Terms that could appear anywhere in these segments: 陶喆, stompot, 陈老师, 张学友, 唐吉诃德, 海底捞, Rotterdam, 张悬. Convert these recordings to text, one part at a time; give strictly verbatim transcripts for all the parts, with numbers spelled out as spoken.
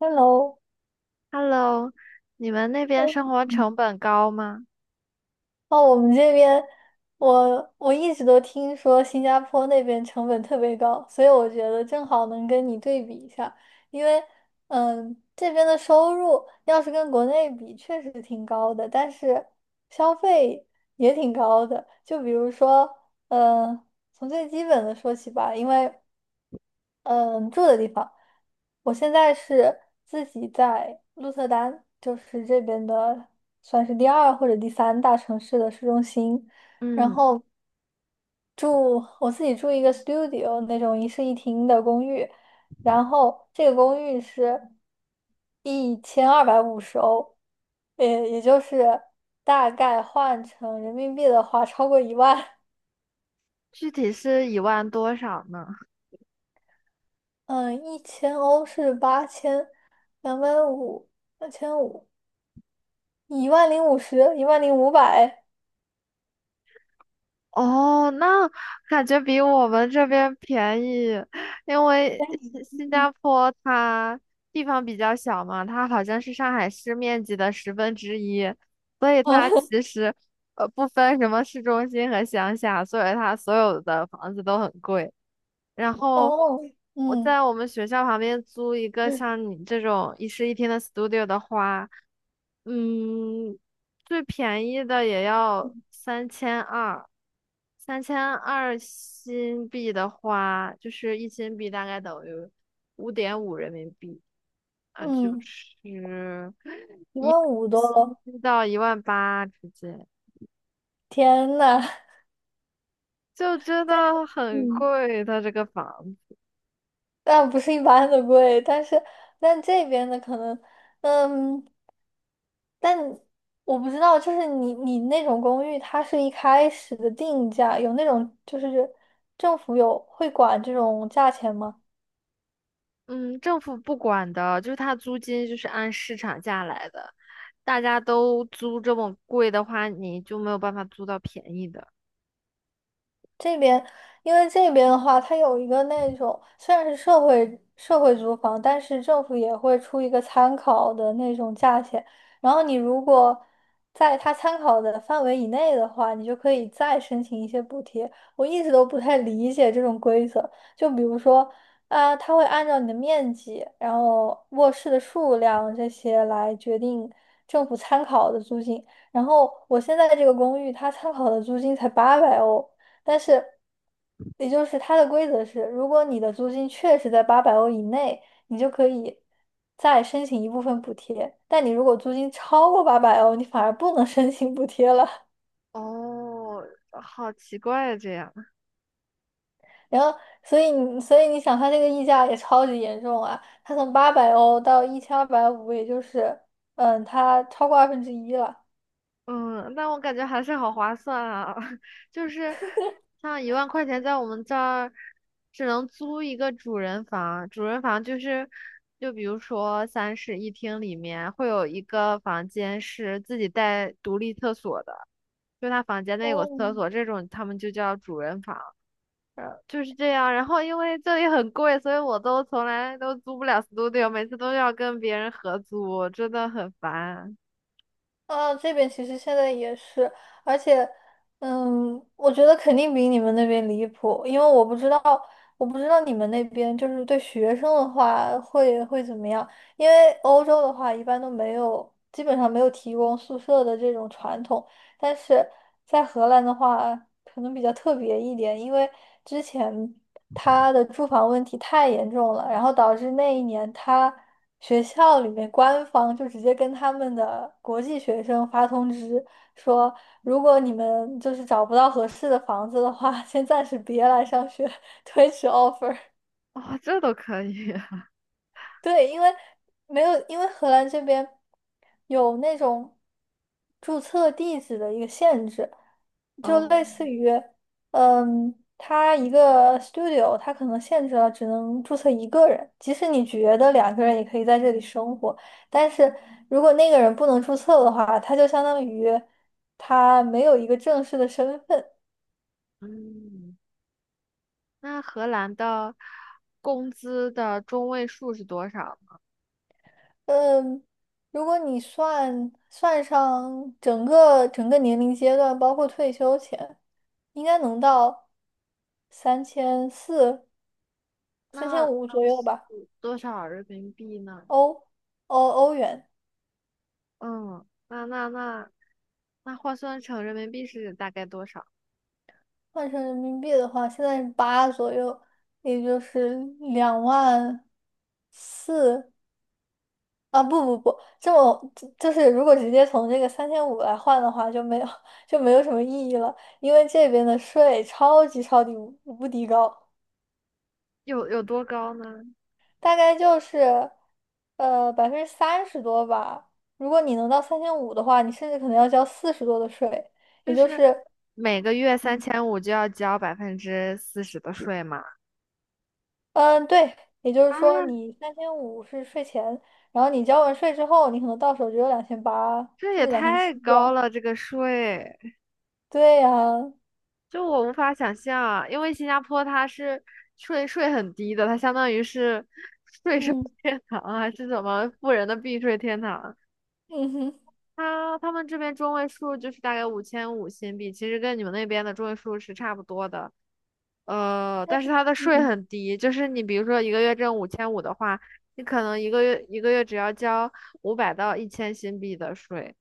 Hello。Hello，你们那哎，边生活嗯成本高吗？哦，我们这边，我我一直都听说新加坡那边成本特别高，所以我觉得正好能跟你对比一下。因为，嗯，这边的收入要是跟国内比，确实挺高的，但是消费也挺高的。就比如说，嗯，从最基本的说起吧。因为，嗯，住的地方，我现在是自己在鹿特丹，就是这边的算是第二或者第三大城市的市中心，然嗯，后住我自己住一个 studio 那种一室一厅的公寓。然后这个公寓是一千二百五十欧，也也就是大概换成人民币的话超过一万。具体是一万多少呢？嗯，一千欧是八千两百五，两千五。一万零五十，一万零五百。哦，那感觉比我们这边便宜，因为新新加坡它地方比较小嘛，它好像是上海市面积的十分之一，所以啊，它其 实呃不分什么市中心和乡下，所以它所有的房子都很贵。然后哦，我嗯在我们学校旁边租一个像你这种一室一厅的 studio 的话，嗯，最便宜的也要三千二，三千二新币的话，就是一新币大概等于五点五人民币啊，就嗯，是一一万万五多了。七到一万八之间，天呐，就真 但的很嗯，贵。它这个房子，但不是一般的贵。但是但这边的可能，嗯，但我不知道，就是你你那种公寓，它是一开始的定价，有那种就是政府有会管这种价钱吗？嗯，政府不管的，就是它租金就是按市场价来的，大家都租这么贵的话，你就没有办法租到便宜的。这边，因为这边的话，它有一个那种虽然是社会社会租房，但是政府也会出一个参考的那种价钱。然后你如果在它参考的范围以内的话，你就可以再申请一些补贴。我一直都不太理解这种规则。就比如说，啊、它会按照你的面积，然后卧室的数量这些来决定政府参考的租金。然后我现在这个公寓，它参考的租金才八百欧。但是，也就是它的规则是，如果你的租金确实在八百欧以内，你就可以再申请一部分补贴。但你如果租金超过八百欧，你反而不能 申请补贴了。哦，好奇怪这样。然后，所以你所以你想，它这个溢价也超级严重啊！它从八百欧到一千二百五，也就是嗯，它超过二分之一了。嗯，但我感觉还是好划算啊，就是像一万块钱在我们这儿只能租一个主人房，主人房就是就比如说三室一厅里面会有一个房间是自己带独立厕所的，就他房间内有个哦。厕所，这种他们就叫主人房。呃就是这样。然后因为这里很贵，所以我都从来都租不了 studio，每次都要跟别人合租，真的很烦。啊，这边其实现在也是。而且，嗯，我觉得肯定比你们那边离谱，因为我不知道，我不知道你们那边就是对学生的话会会怎么样。因为欧洲的话一般都没有，基本上没有提供宿舍的这种传统，但是在荷兰的话，可能比较特别一点。因为之前他的住房问题太严重了，然后导致那一年他学校里面官方就直接跟他们的国际学生发通知说，如果你们就是找不到合适的房子的话，先暂时别来上学，推迟 offer。哦，这都可以。对，因为没有，因为荷兰这边有那种注册地址的一个限制，就哦，类似于，嗯，他一个 studio,他可能限制了只能注册一个人。即使你觉得两个人也可以在这里生活，但是如果那个人不能注册的话，他就相当于他没有一个正式的身份。嗯，那荷兰的工资的中位数是多少？嗯，如果你算算上整个整个年龄阶段，包括退休前，应该能到三千四、三千那五左那右是吧。多少人民币呢？欧欧欧元嗯，那那那那换算成人民币是大概多少？换成人民币的话，现在是八左右，也就是两万四。啊！不不不，这么就就是如果直接从这个三千五来换的话，就没有 就没有什么意义了，因为这边的税超级超级无无敌高。有有多高呢？大概就是，呃，百分之三十多吧。如果你能到三千五的话，你甚至可能要交四十多的税，也就就是是，每个月三嗯千五就要交百分之四十的税嘛。嗯，对。也就是啊，说你三千五是税前，然后你交完税之后，你可能到手只有两千八，这甚也至两千太七这高样。了，这个税，对呀。就我无法想象，因为新加坡它是税税很低的，它相当于是税收 嗯， 天堂还是什么富人的避税天堂。嗯哼。它他们这边中位数就是大概五千五新币，其实跟你们那边的中位数是差不多的。呃，但但是是它的税嗯很低，就是你比如说一个月挣五千五的话，你可能一个月一个月只要交五百到一千新币的税。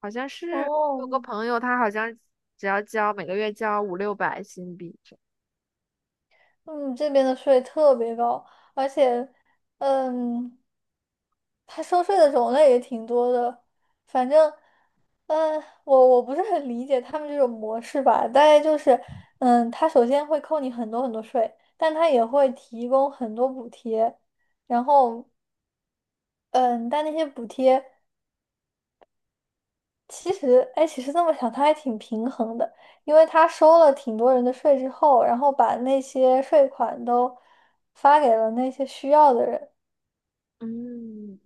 好像是有哦。个朋友，他好像只要交每个月交五六百新币这样嗯，这边的税特别高。而且，嗯，他收税的种类也挺多的。反正，嗯，我我不是很理解他们这种模式吧。大概就是，嗯，他首先会扣你很多很多税，但他也会提供很多补贴。然后，嗯，但那些补贴，其实，哎，其实这么想，他还挺平衡的。因为他收了挺多人的税之后，然后把那些税款都发给了那些需要的人。嗯，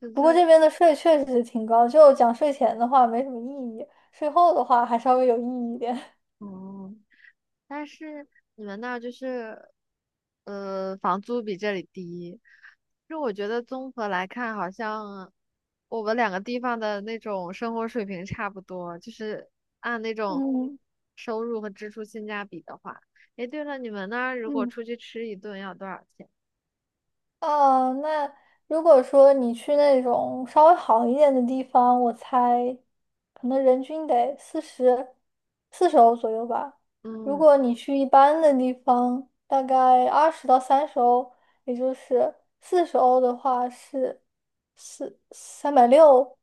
是不这过样。这边的税确实是挺高，就讲税前的话没什么意义，税后的话还稍微有意义一点。哦，但是你们那儿就是呃房租比这里低，就我觉得综合来看，好像我们两个地方的那种生活水平差不多，就是按那 种嗯收入和支出性价比的话。诶，对了，你们那儿如果嗯。出去吃一顿要多少钱？哦，那如果说你去那种稍微好一点的地方，我猜可能人均得四十四十欧左右吧。如嗯。果你去一般的地方，大概二十到三十欧，也就是四十欧的话是四三百六。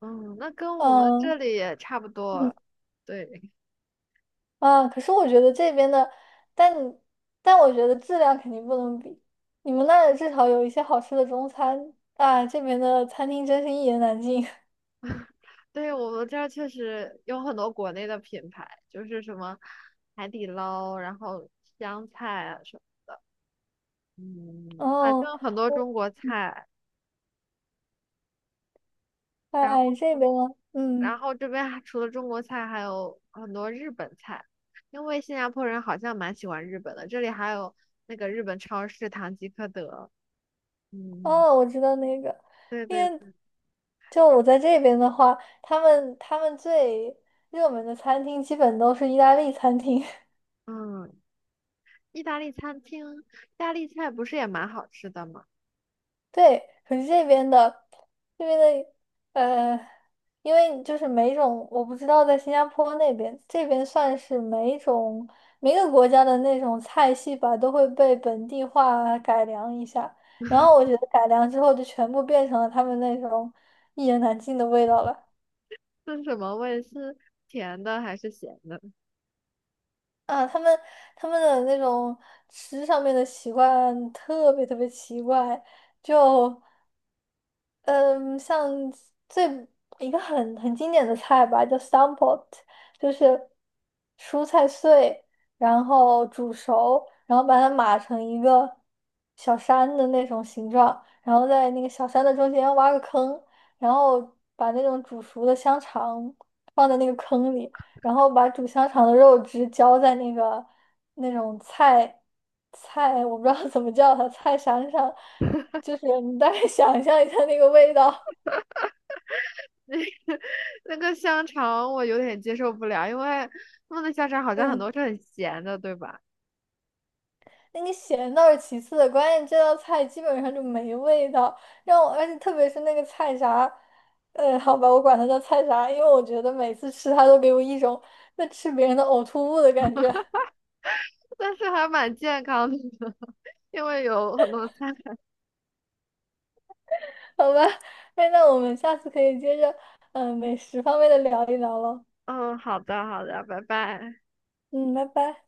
嗯，那跟我们这嗯里也差不嗯。多。对，啊，可是我觉得这边的，但但我觉得质量肯定不能比。你们那儿至少有一些好吃的中餐啊，这边的餐厅真是一言难尽。对，我们这儿确实有很多国内的品牌，就是什么海底捞，然后湘菜啊什么，嗯，反哦，正很多我中国菜。然后，哎这边呢。嗯，然后这边还除了中国菜，还有很多日本菜，因为新加坡人好像蛮喜欢日本的。这里还有那个日本超市唐吉诃德。嗯，哦，我知道那个。对因对为对，就我在这边的话，他们他们最热门的餐厅基本都是意大利餐厅。嗯，意大利餐厅，意大利菜不是也蛮好吃的吗？对，可是这边的，这边的呃，因为就是每种我不知道在新加坡那边，这边算是每种每个国家的那种菜系吧，都会被本地化改良一下。然后我觉得改良之后就全部变成了他们那种一言难尽的味道了。是什么味？是甜的还是咸的？啊！他们他们的那种吃上面的习惯特别特别奇怪，就，嗯，像最一个很很经典的菜吧，叫 stompot,就是蔬菜碎，然后煮熟，然后把它码成一个小山的那种形状，然后在那个小山的中间挖个坑，然后把那种煮熟的香肠放在那个坑里，然后把煮香肠的肉汁浇在那个那种菜菜，我不知道怎么叫它，菜山上，就是你大概想象一下那个味道。那个香肠我有点接受不了，因为他们的香肠好像很嗯，多是很咸的，对吧？那个咸倒是其次的，关键这道菜基本上就没味道。让我而且特别是那个菜啥，呃，好吧，我管它叫菜啥，因为我觉得每次吃它都给我一种在吃别人的呕吐物的感觉。但是还蛮健康的，因为有很多菜。好吧，哎，那我们下次可以接着嗯、呃美食方面的聊一聊了。嗯，好的，好的，拜拜。嗯，拜拜。